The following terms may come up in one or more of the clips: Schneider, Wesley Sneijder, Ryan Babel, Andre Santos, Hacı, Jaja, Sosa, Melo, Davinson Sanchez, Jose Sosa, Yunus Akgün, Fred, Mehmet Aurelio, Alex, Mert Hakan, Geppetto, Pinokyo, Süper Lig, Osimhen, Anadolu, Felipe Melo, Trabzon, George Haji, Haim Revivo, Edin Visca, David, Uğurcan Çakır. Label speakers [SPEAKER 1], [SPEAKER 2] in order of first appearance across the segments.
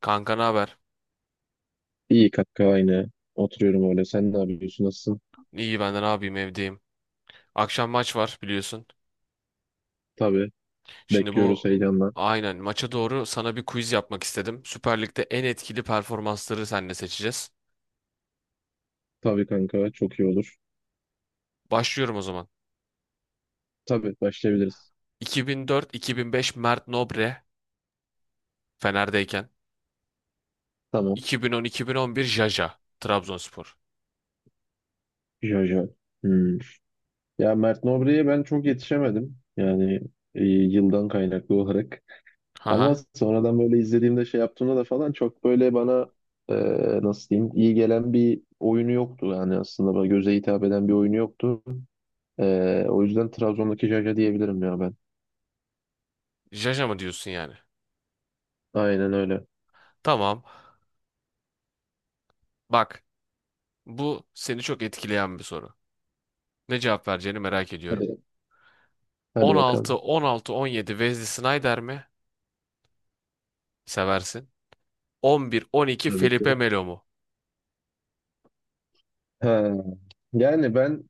[SPEAKER 1] Kanka ne haber?
[SPEAKER 2] İyi kanka aynı. Oturuyorum öyle. Sen ne yapıyorsun? Nasılsın?
[SPEAKER 1] İyi ben de ne yapayım, evdeyim. Akşam maç var biliyorsun.
[SPEAKER 2] Tabii.
[SPEAKER 1] Şimdi
[SPEAKER 2] Bekliyoruz heyecanla.
[SPEAKER 1] aynen maça doğru sana bir quiz yapmak istedim. Süper Lig'de en etkili performansları seninle seçeceğiz.
[SPEAKER 2] Tabii kanka çok iyi olur.
[SPEAKER 1] Başlıyorum o zaman.
[SPEAKER 2] Tabii başlayabiliriz.
[SPEAKER 1] 2004-2005 Mert Nobre, Fener'deyken.
[SPEAKER 2] Tamam.
[SPEAKER 1] 2010-2011 Jaja, Trabzonspor.
[SPEAKER 2] Jojo. Hmm. Ya Mert Nobre'ye ben çok yetişemedim. Yani yıldan kaynaklı olarak. Ama
[SPEAKER 1] Haha.
[SPEAKER 2] sonradan böyle izlediğimde şey yaptığımda da falan çok böyle bana e, nasıl diyeyim iyi gelen bir oyunu yoktu. Yani aslında bana göze hitap eden bir oyunu yoktu. O yüzden Trabzon'daki Jaja diyebilirim ya ben.
[SPEAKER 1] Jaja mı diyorsun yani?
[SPEAKER 2] Aynen öyle.
[SPEAKER 1] Tamam. Bak, bu seni çok etkileyen bir soru. Ne cevap vereceğini merak ediyorum.
[SPEAKER 2] Hadi, hadi
[SPEAKER 1] 16,
[SPEAKER 2] bakalım.
[SPEAKER 1] 16, 17 Wesley Sneijder mi? Seversin. 11-12
[SPEAKER 2] Tabii
[SPEAKER 1] Felipe
[SPEAKER 2] ki.
[SPEAKER 1] Melo mu?
[SPEAKER 2] Ha, yani ben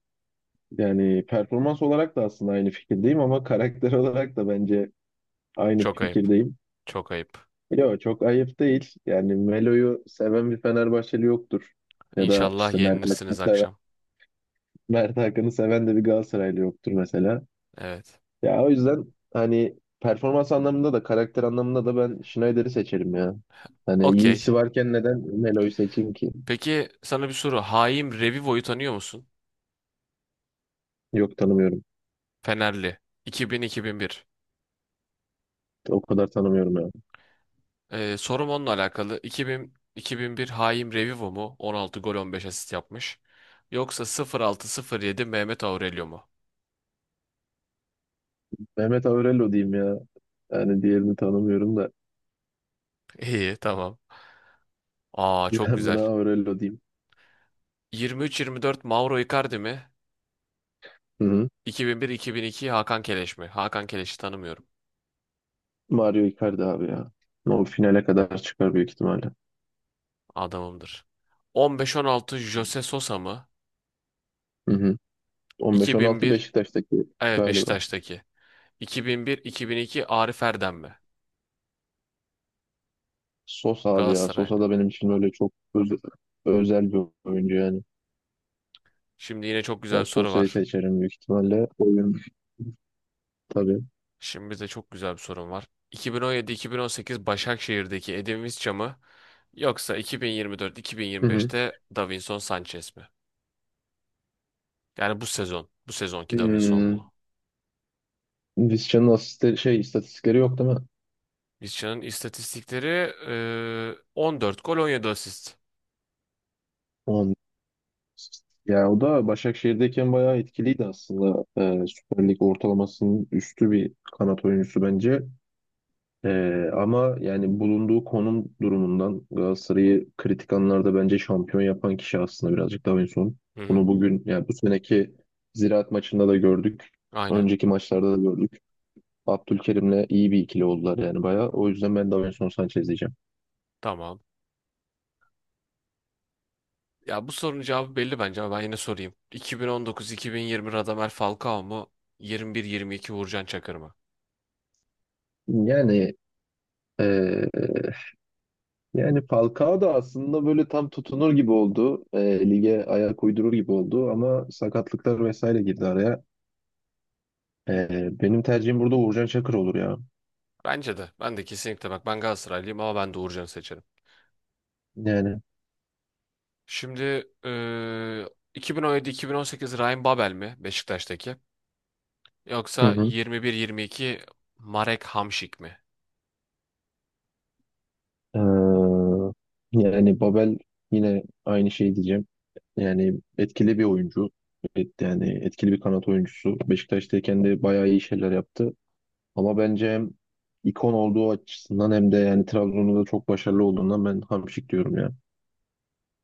[SPEAKER 2] yani performans olarak da aslında aynı fikirdeyim ama karakter olarak da bence aynı
[SPEAKER 1] Çok ayıp.
[SPEAKER 2] fikirdeyim.
[SPEAKER 1] Çok ayıp.
[SPEAKER 2] Yo, çok ayıp değil. Yani Melo'yu seven bir Fenerbahçeli yoktur. Ya da
[SPEAKER 1] İnşallah
[SPEAKER 2] işte Mert Hakan'ı
[SPEAKER 1] yenilirsiniz
[SPEAKER 2] seven,
[SPEAKER 1] akşam.
[SPEAKER 2] Mert Hakan'ı seven de bir Galatasaraylı yoktur mesela.
[SPEAKER 1] Evet.
[SPEAKER 2] Ya o yüzden hani performans anlamında da karakter anlamında da ben Schneider'i seçerim ya. Hani
[SPEAKER 1] Okey.
[SPEAKER 2] iyisi varken neden Melo'yu seçeyim ki?
[SPEAKER 1] Peki, sana bir soru. Haim Revivo'yu tanıyor musun?
[SPEAKER 2] Yok, tanımıyorum.
[SPEAKER 1] Fenerli. 2000-2001.
[SPEAKER 2] O kadar tanımıyorum ya.
[SPEAKER 1] Sorum onunla alakalı. Bin iki bin-iki bin bir Haim Revivo mu? 16 gol 15 asist yapmış. Yoksa 06 yedi Mehmet Aurelio mu?
[SPEAKER 2] Mehmet Aurelio diyeyim ya. Yani diğerini tanımıyorum da
[SPEAKER 1] İyi, tamam. Aa, çok
[SPEAKER 2] ben
[SPEAKER 1] güzel.
[SPEAKER 2] buna Aurelio diyeyim.
[SPEAKER 1] 23-24 Mauro Icardi mi?
[SPEAKER 2] Hı hı.
[SPEAKER 1] 2001-2002 Hakan Keleş mi? Hakan Keleş'i tanımıyorum.
[SPEAKER 2] Mario Icardi abi ya. O finale kadar çıkar büyük ihtimalle.
[SPEAKER 1] Adamımdır. 15-16 Jose Sosa mı?
[SPEAKER 2] Hı hı. 15-16
[SPEAKER 1] 2001,
[SPEAKER 2] Beşiktaş'taki
[SPEAKER 1] evet,
[SPEAKER 2] galiba.
[SPEAKER 1] Beşiktaş'taki. 2001-2002 Arif Erdem mi?
[SPEAKER 2] Sosa abi ya. Sosa
[SPEAKER 1] Galatasaray'da.
[SPEAKER 2] da benim için öyle çok özel bir oyuncu yani.
[SPEAKER 1] Şimdi yine çok güzel
[SPEAKER 2] Ben
[SPEAKER 1] bir soru
[SPEAKER 2] Sosa'yı
[SPEAKER 1] var.
[SPEAKER 2] seçerim büyük ihtimalle. Oyun tabii.
[SPEAKER 1] Şimdi de çok güzel bir sorum var. 2017-2018 Başakşehir'deki Edin Visca mı? Yoksa
[SPEAKER 2] Hı hı.
[SPEAKER 1] 2024-2025'te Davinson Sanchez mi? Yani bu sezon. Bu sezonki Davinson
[SPEAKER 2] Hmm.
[SPEAKER 1] mu?
[SPEAKER 2] Vizcan'ın asist şey istatistikleri yok değil mi?
[SPEAKER 1] Visca'nın istatistikleri 14 gol 17 asist.
[SPEAKER 2] Ya o da Başakşehir'deyken bayağı etkiliydi aslında. Süper Lig ortalamasının üstü bir kanat oyuncusu bence. Ama yani bulunduğu konum durumundan Galatasaray'ı kritik anlarda bence şampiyon yapan kişi aslında birazcık daha en son.
[SPEAKER 1] Hı hı,
[SPEAKER 2] Bunu bugün yani bu seneki Ziraat maçında da gördük.
[SPEAKER 1] aynen.
[SPEAKER 2] Önceki maçlarda da gördük. Abdülkerim'le iyi bir ikili oldular yani bayağı. O yüzden ben Davinson Sanchez diyeceğim.
[SPEAKER 1] Tamam. Ya, bu sorunun cevabı belli bence ama ben yine sorayım. 2019-2020 Radamel Falcao mu? 21-22 Uğurcan Çakır mı?
[SPEAKER 2] Yani ee, yani Falcao da aslında böyle tam tutunur gibi oldu. Lige ayak uydurur gibi oldu ama sakatlıklar vesaire girdi araya. Benim tercihim burada Uğurcan Çakır olur ya.
[SPEAKER 1] Bence de. Ben de kesinlikle, bak, ben Galatasaraylıyım ama ben de Uğurcan'ı seçerim.
[SPEAKER 2] Yani.
[SPEAKER 1] Şimdi eee 2017-2018 Ryan Babel mi, Beşiktaş'taki?
[SPEAKER 2] Hı
[SPEAKER 1] Yoksa
[SPEAKER 2] hı.
[SPEAKER 1] 21-22 Marek Hamšík mi?
[SPEAKER 2] Yani Babel yine aynı şey diyeceğim. Yani etkili bir oyuncu. Evet, yani etkili bir kanat oyuncusu. Beşiktaş'tayken de bayağı iyi şeyler yaptı. Ama bence hem ikon olduğu açısından hem de yani Trabzon'da da çok başarılı olduğundan ben hamşik diyorum ya.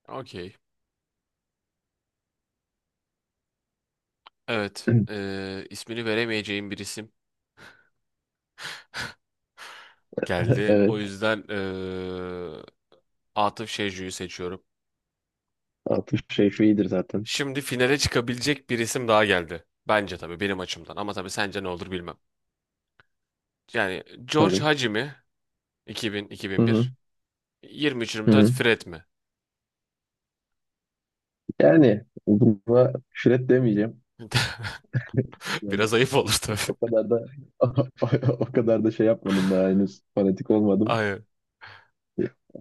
[SPEAKER 1] Okey. Evet. İsmini veremeyeceğim bir isim geldi. O
[SPEAKER 2] Evet.
[SPEAKER 1] yüzden Atıf Şecu'yu seçiyorum.
[SPEAKER 2] Altın Şerifi iyidir zaten.
[SPEAKER 1] Şimdi finale çıkabilecek bir isim daha geldi. Bence, tabii, benim açımdan. Ama tabii sence ne olur bilmem. Yani George
[SPEAKER 2] Tabii.
[SPEAKER 1] Haji mi?
[SPEAKER 2] Hı hı.
[SPEAKER 1] 2000-2001.
[SPEAKER 2] Hı
[SPEAKER 1] 23-24
[SPEAKER 2] hı.
[SPEAKER 1] Fred mi?
[SPEAKER 2] Yani buna şüret demeyeceğim. Yani
[SPEAKER 1] Biraz ayıp olur tabii.
[SPEAKER 2] o kadar da o kadar da şey yapmadım daha henüz fanatik olmadım.
[SPEAKER 1] Aynen.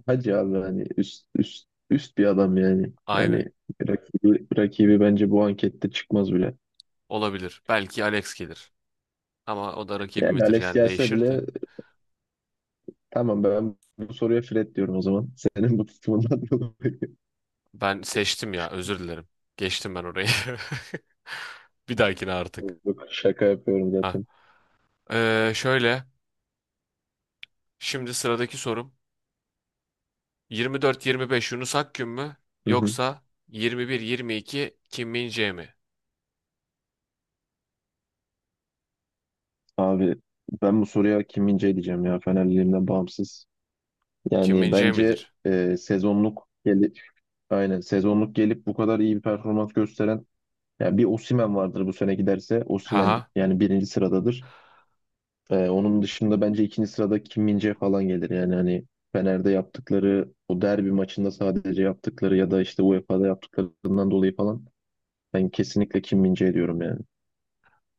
[SPEAKER 2] Hacı abi hani üst üst üst bir adam yani.
[SPEAKER 1] Aynen.
[SPEAKER 2] Yani rakibi bence bu ankette çıkmaz bile.
[SPEAKER 1] Olabilir. Belki Alex gelir. Ama o da
[SPEAKER 2] Yani
[SPEAKER 1] rakibimizdir
[SPEAKER 2] Alex
[SPEAKER 1] yani,
[SPEAKER 2] gelse
[SPEAKER 1] değişir
[SPEAKER 2] bile
[SPEAKER 1] de.
[SPEAKER 2] tamam, ben bu soruya Fred diyorum o zaman. Senin bu tutumundan dolayı.
[SPEAKER 1] Ben seçtim ya, özür dilerim. Geçtim ben orayı. Bir dahakine artık.
[SPEAKER 2] Yok, şaka yapıyorum
[SPEAKER 1] Ha.
[SPEAKER 2] zaten.
[SPEAKER 1] Şöyle. Şimdi sıradaki sorum. 24-25. Yunus Akgün mü? Yoksa yirmi 22 Kim Min-jae mi?
[SPEAKER 2] Abi ben bu soruya kim Min-jae diyeceğim ya, Fenerliliğimden bağımsız.
[SPEAKER 1] Kim
[SPEAKER 2] Yani
[SPEAKER 1] Min-jae
[SPEAKER 2] bence
[SPEAKER 1] midir?
[SPEAKER 2] sezonluk gelip aynen sezonluk gelip bu kadar iyi bir performans gösteren yani bir Osimhen vardır, bu sene giderse Osimhen
[SPEAKER 1] Haha.
[SPEAKER 2] yani birinci sıradadır. Onun dışında bence ikinci sırada Kim min falan gelir. Yani hani Fener'de yaptıkları o derbi maçında sadece yaptıkları ya da işte UEFA'da yaptıklarından dolayı falan ben kesinlikle Kim min diyorum yani.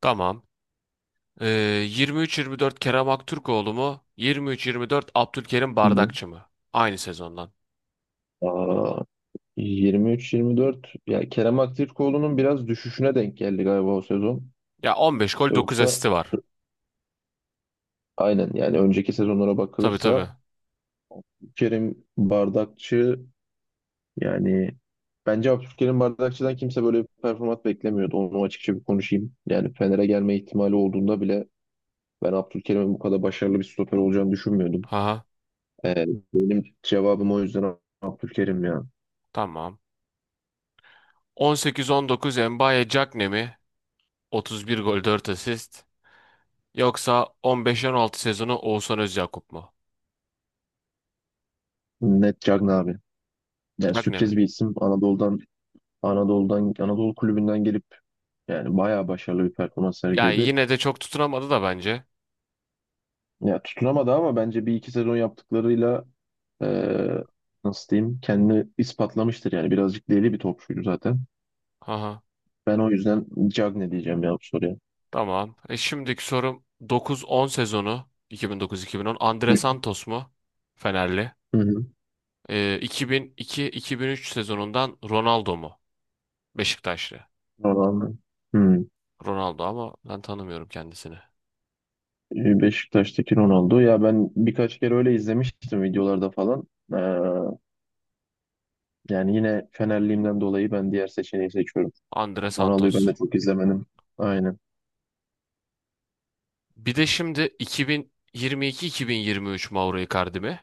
[SPEAKER 1] Tamam. Ee, yirmi üç yirmi dört Kerem Aktürkoğlu mu? 23-24 Abdülkerim
[SPEAKER 2] Hı hı.
[SPEAKER 1] Bardakçı mı? Aynı sezondan.
[SPEAKER 2] Aa, 23-24 ya Kerem Aktürkoğlu'nun biraz düşüşüne denk geldi galiba o sezon.
[SPEAKER 1] Ya, 15 gol dokuz
[SPEAKER 2] Yoksa
[SPEAKER 1] asisti var.
[SPEAKER 2] aynen yani önceki sezonlara
[SPEAKER 1] Tabii tabii.
[SPEAKER 2] bakılırsa Kerim Bardakçı, yani bence Abdülkerim Bardakçı'dan kimse böyle bir performans beklemiyordu. Onu açıkça bir konuşayım. Yani Fener'e gelme ihtimali olduğunda bile ben Abdülkerim'in bu kadar başarılı bir stoper olacağını düşünmüyordum.
[SPEAKER 1] Haha.
[SPEAKER 2] Ee, Benim cevabım o yüzden Abdülkerim ya.
[SPEAKER 1] Tamam. 18-19 Mbaye Diagne mi? 31 gol 4 asist. Yoksa 15-16 sezonu Oğuzhan Özyakup mu?
[SPEAKER 2] Net Cagna abi. Yani
[SPEAKER 1] Diagne mi?
[SPEAKER 2] sürpriz bir isim. Anadolu kulübünden gelip yani bayağı başarılı bir performans
[SPEAKER 1] Ya
[SPEAKER 2] sergiledi.
[SPEAKER 1] yine de çok tutunamadı da bence.
[SPEAKER 2] Ya tutunamadı ama bence bir iki sezon yaptıklarıyla eee, nasıl diyeyim kendini ispatlamıştır yani. Birazcık deli bir topçuydu zaten.
[SPEAKER 1] Haha.
[SPEAKER 2] Ben o yüzden Cagne diyeceğim ya bu soruya.
[SPEAKER 1] Tamam. Şimdiki sorum 9-10 sezonu 2009-2010 Andre
[SPEAKER 2] Hı
[SPEAKER 1] Santos mu? Fenerli.
[SPEAKER 2] hı.
[SPEAKER 1] 2002-2003 sezonundan Ronaldo mu? Beşiktaşlı.
[SPEAKER 2] Ronaldo. Hı.
[SPEAKER 1] Ronaldo, ama ben tanımıyorum kendisini.
[SPEAKER 2] Beşiktaş'taki Ronaldo. Ya ben birkaç kere öyle izlemiştim videolarda falan. Eee, Yani yine Fenerliğimden dolayı ben diğer seçeneği seçiyorum.
[SPEAKER 1] Andre
[SPEAKER 2] Ronaldo'yu ben de
[SPEAKER 1] Santos.
[SPEAKER 2] çok izlemedim. Aynen.
[SPEAKER 1] Bir de şimdi 2022-2023 Mauro Icardi mi?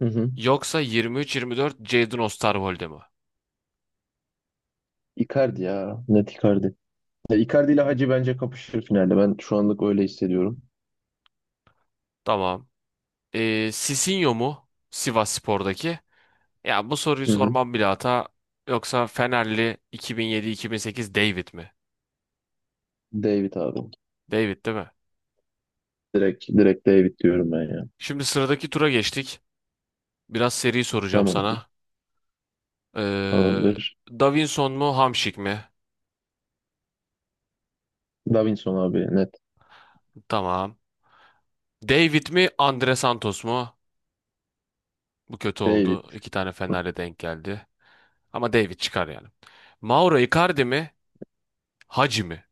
[SPEAKER 2] Hı hı.
[SPEAKER 1] Yoksa 23-24 Jadon Osterwolde mi?
[SPEAKER 2] Icardi ya. Net Icardi. Ya Icardi ile Hacı bence kapışır finalde. Ben şu anlık öyle hissediyorum.
[SPEAKER 1] Tamam. Sisinho mu? Sivasspor'daki. Ya, bu soruyu
[SPEAKER 2] Hı hı.
[SPEAKER 1] sormam bile hata. Yoksa Fenerli 2007-2008 David mi?
[SPEAKER 2] David abi.
[SPEAKER 1] David değil mi?
[SPEAKER 2] Direkt, direkt David diyorum ben ya.
[SPEAKER 1] Şimdi sıradaki tura geçtik. Biraz seri soracağım
[SPEAKER 2] Tamamdır.
[SPEAKER 1] sana. Ee,
[SPEAKER 2] Tamamdır.
[SPEAKER 1] Davinson mu, Hamşik mi?
[SPEAKER 2] Davinson abi net.
[SPEAKER 1] Tamam. David mi, Andre Santos mu? Bu kötü
[SPEAKER 2] David.
[SPEAKER 1] oldu. İki tane Fener'le denk geldi. Ama David çıkar yani. Mauro Icardi mi, Hacı mi?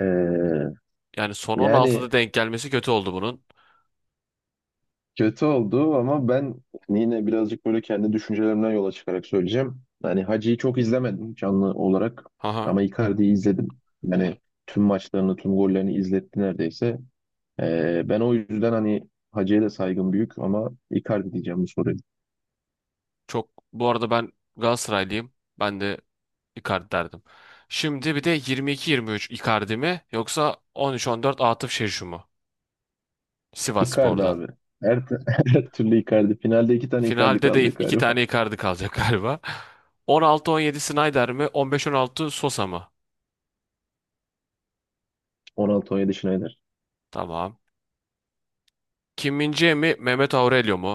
[SPEAKER 2] Ee,
[SPEAKER 1] Yani son 16'da
[SPEAKER 2] Yani
[SPEAKER 1] denk gelmesi kötü oldu bunun.
[SPEAKER 2] kötü oldu ama ben yine birazcık böyle kendi düşüncelerimden yola çıkarak söyleyeceğim. Yani Hacı'yı çok izlemedim canlı olarak ama Icardi'yi izledim. Yani tüm maçlarını, tüm gollerini izletti neredeyse. Ben o yüzden hani Hacı'ya da saygım büyük ama Icardi diyeceğim bu soruya.
[SPEAKER 1] Çok bu arada, ben Galatasaraylıyım. Ben de Icardi derdim. Şimdi bir de 22-23 Icardi mi, yoksa 13-14 Atıf Şeşu mu?
[SPEAKER 2] Icardi
[SPEAKER 1] Sivasspor'dan.
[SPEAKER 2] abi. Her, t- Her türlü Icardi. Finalde iki tane Icardi
[SPEAKER 1] Finalde de
[SPEAKER 2] kalacak
[SPEAKER 1] iki
[SPEAKER 2] galiba.
[SPEAKER 1] tane Icardi kalacak galiba. 16-17 Snyder mi? 15-16 Sosa mı?
[SPEAKER 2] Ronaldo, on 17 Schneider.
[SPEAKER 1] Tamam. Kim min mi? Mehmet Aurelio mu?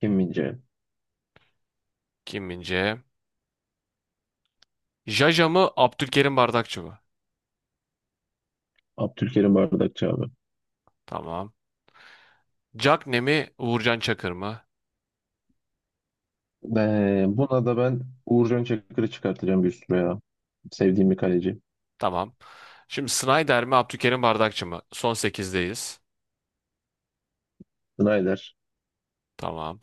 [SPEAKER 2] Kim Min-jae.
[SPEAKER 1] Kim min Jaja mı? Abdülkerim Bardakçı mı?
[SPEAKER 2] Abdülkerim Bardakçı abi.
[SPEAKER 1] Tamam. Cagne mi? Uğurcan Çakır mı?
[SPEAKER 2] Buna da ben Uğurcan Çakır'ı çıkartacağım bir üstüne ya. Sevdiğim bir kaleci.
[SPEAKER 1] Tamam. Şimdi Snyder mi? Abdülkerim Bardakçı mı? Son sekizdeyiz.
[SPEAKER 2] Schneider.
[SPEAKER 1] Tamam.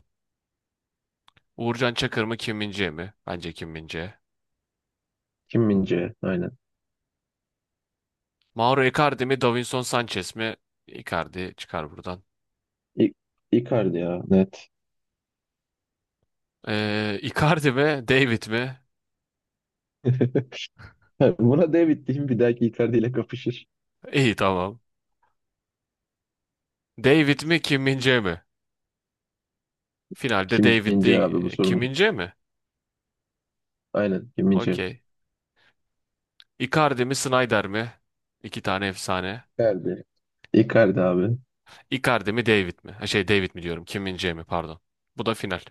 [SPEAKER 1] Uğurcan Çakır mı, Kim Min-jae mi? Bence Kim Min-jae.
[SPEAKER 2] Kim Min-jae. Aynen.
[SPEAKER 1] Mauro Icardi mi, Davinson Sanchez mi? Icardi çıkar buradan.
[SPEAKER 2] İ Icardi ya. Net.
[SPEAKER 1] Icardi mi, David mi?
[SPEAKER 2] Buna David diyeyim. Bir dahaki Icardi ile kapışır.
[SPEAKER 1] İyi, tamam. David mi, Kim Min-jae mi? Finalde
[SPEAKER 2] Kim
[SPEAKER 1] David'le
[SPEAKER 2] Min-jae abi bu
[SPEAKER 1] Kim
[SPEAKER 2] sorumlu.
[SPEAKER 1] Min-jae mi?
[SPEAKER 2] Aynen. Kim Min-jae.
[SPEAKER 1] Okey. Icardi mi, Snyder mi? İki tane efsane.
[SPEAKER 2] Icardi. Icardi abi.
[SPEAKER 1] Icardi mi, David mi? Ha, şey, David mi diyorum, Kim Min-jae mi, pardon. Bu da final.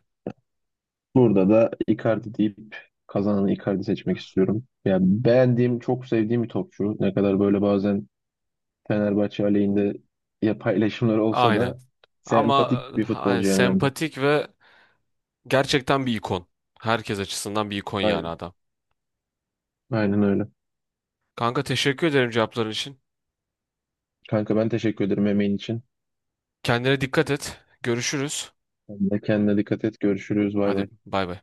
[SPEAKER 2] Burada da Icardi deyip kazananı Icardi seçmek istiyorum. Yani beğendiğim, çok sevdiğim bir topçu. Ne kadar böyle bazen Fenerbahçe aleyhinde ya paylaşımları olsa
[SPEAKER 1] Aynen.
[SPEAKER 2] da
[SPEAKER 1] Ama
[SPEAKER 2] sempatik bir futbolcu yani bence.
[SPEAKER 1] sempatik ve gerçekten bir ikon. Herkes açısından bir ikon yani,
[SPEAKER 2] Aynen.
[SPEAKER 1] adam.
[SPEAKER 2] Aynen öyle.
[SPEAKER 1] Kanka, teşekkür ederim cevapların için.
[SPEAKER 2] Kanka ben teşekkür ederim emeğin için.
[SPEAKER 1] Kendine dikkat et. Görüşürüz.
[SPEAKER 2] Sen de kendine dikkat et. Görüşürüz. Bay
[SPEAKER 1] Hadi
[SPEAKER 2] bay.
[SPEAKER 1] bay bay.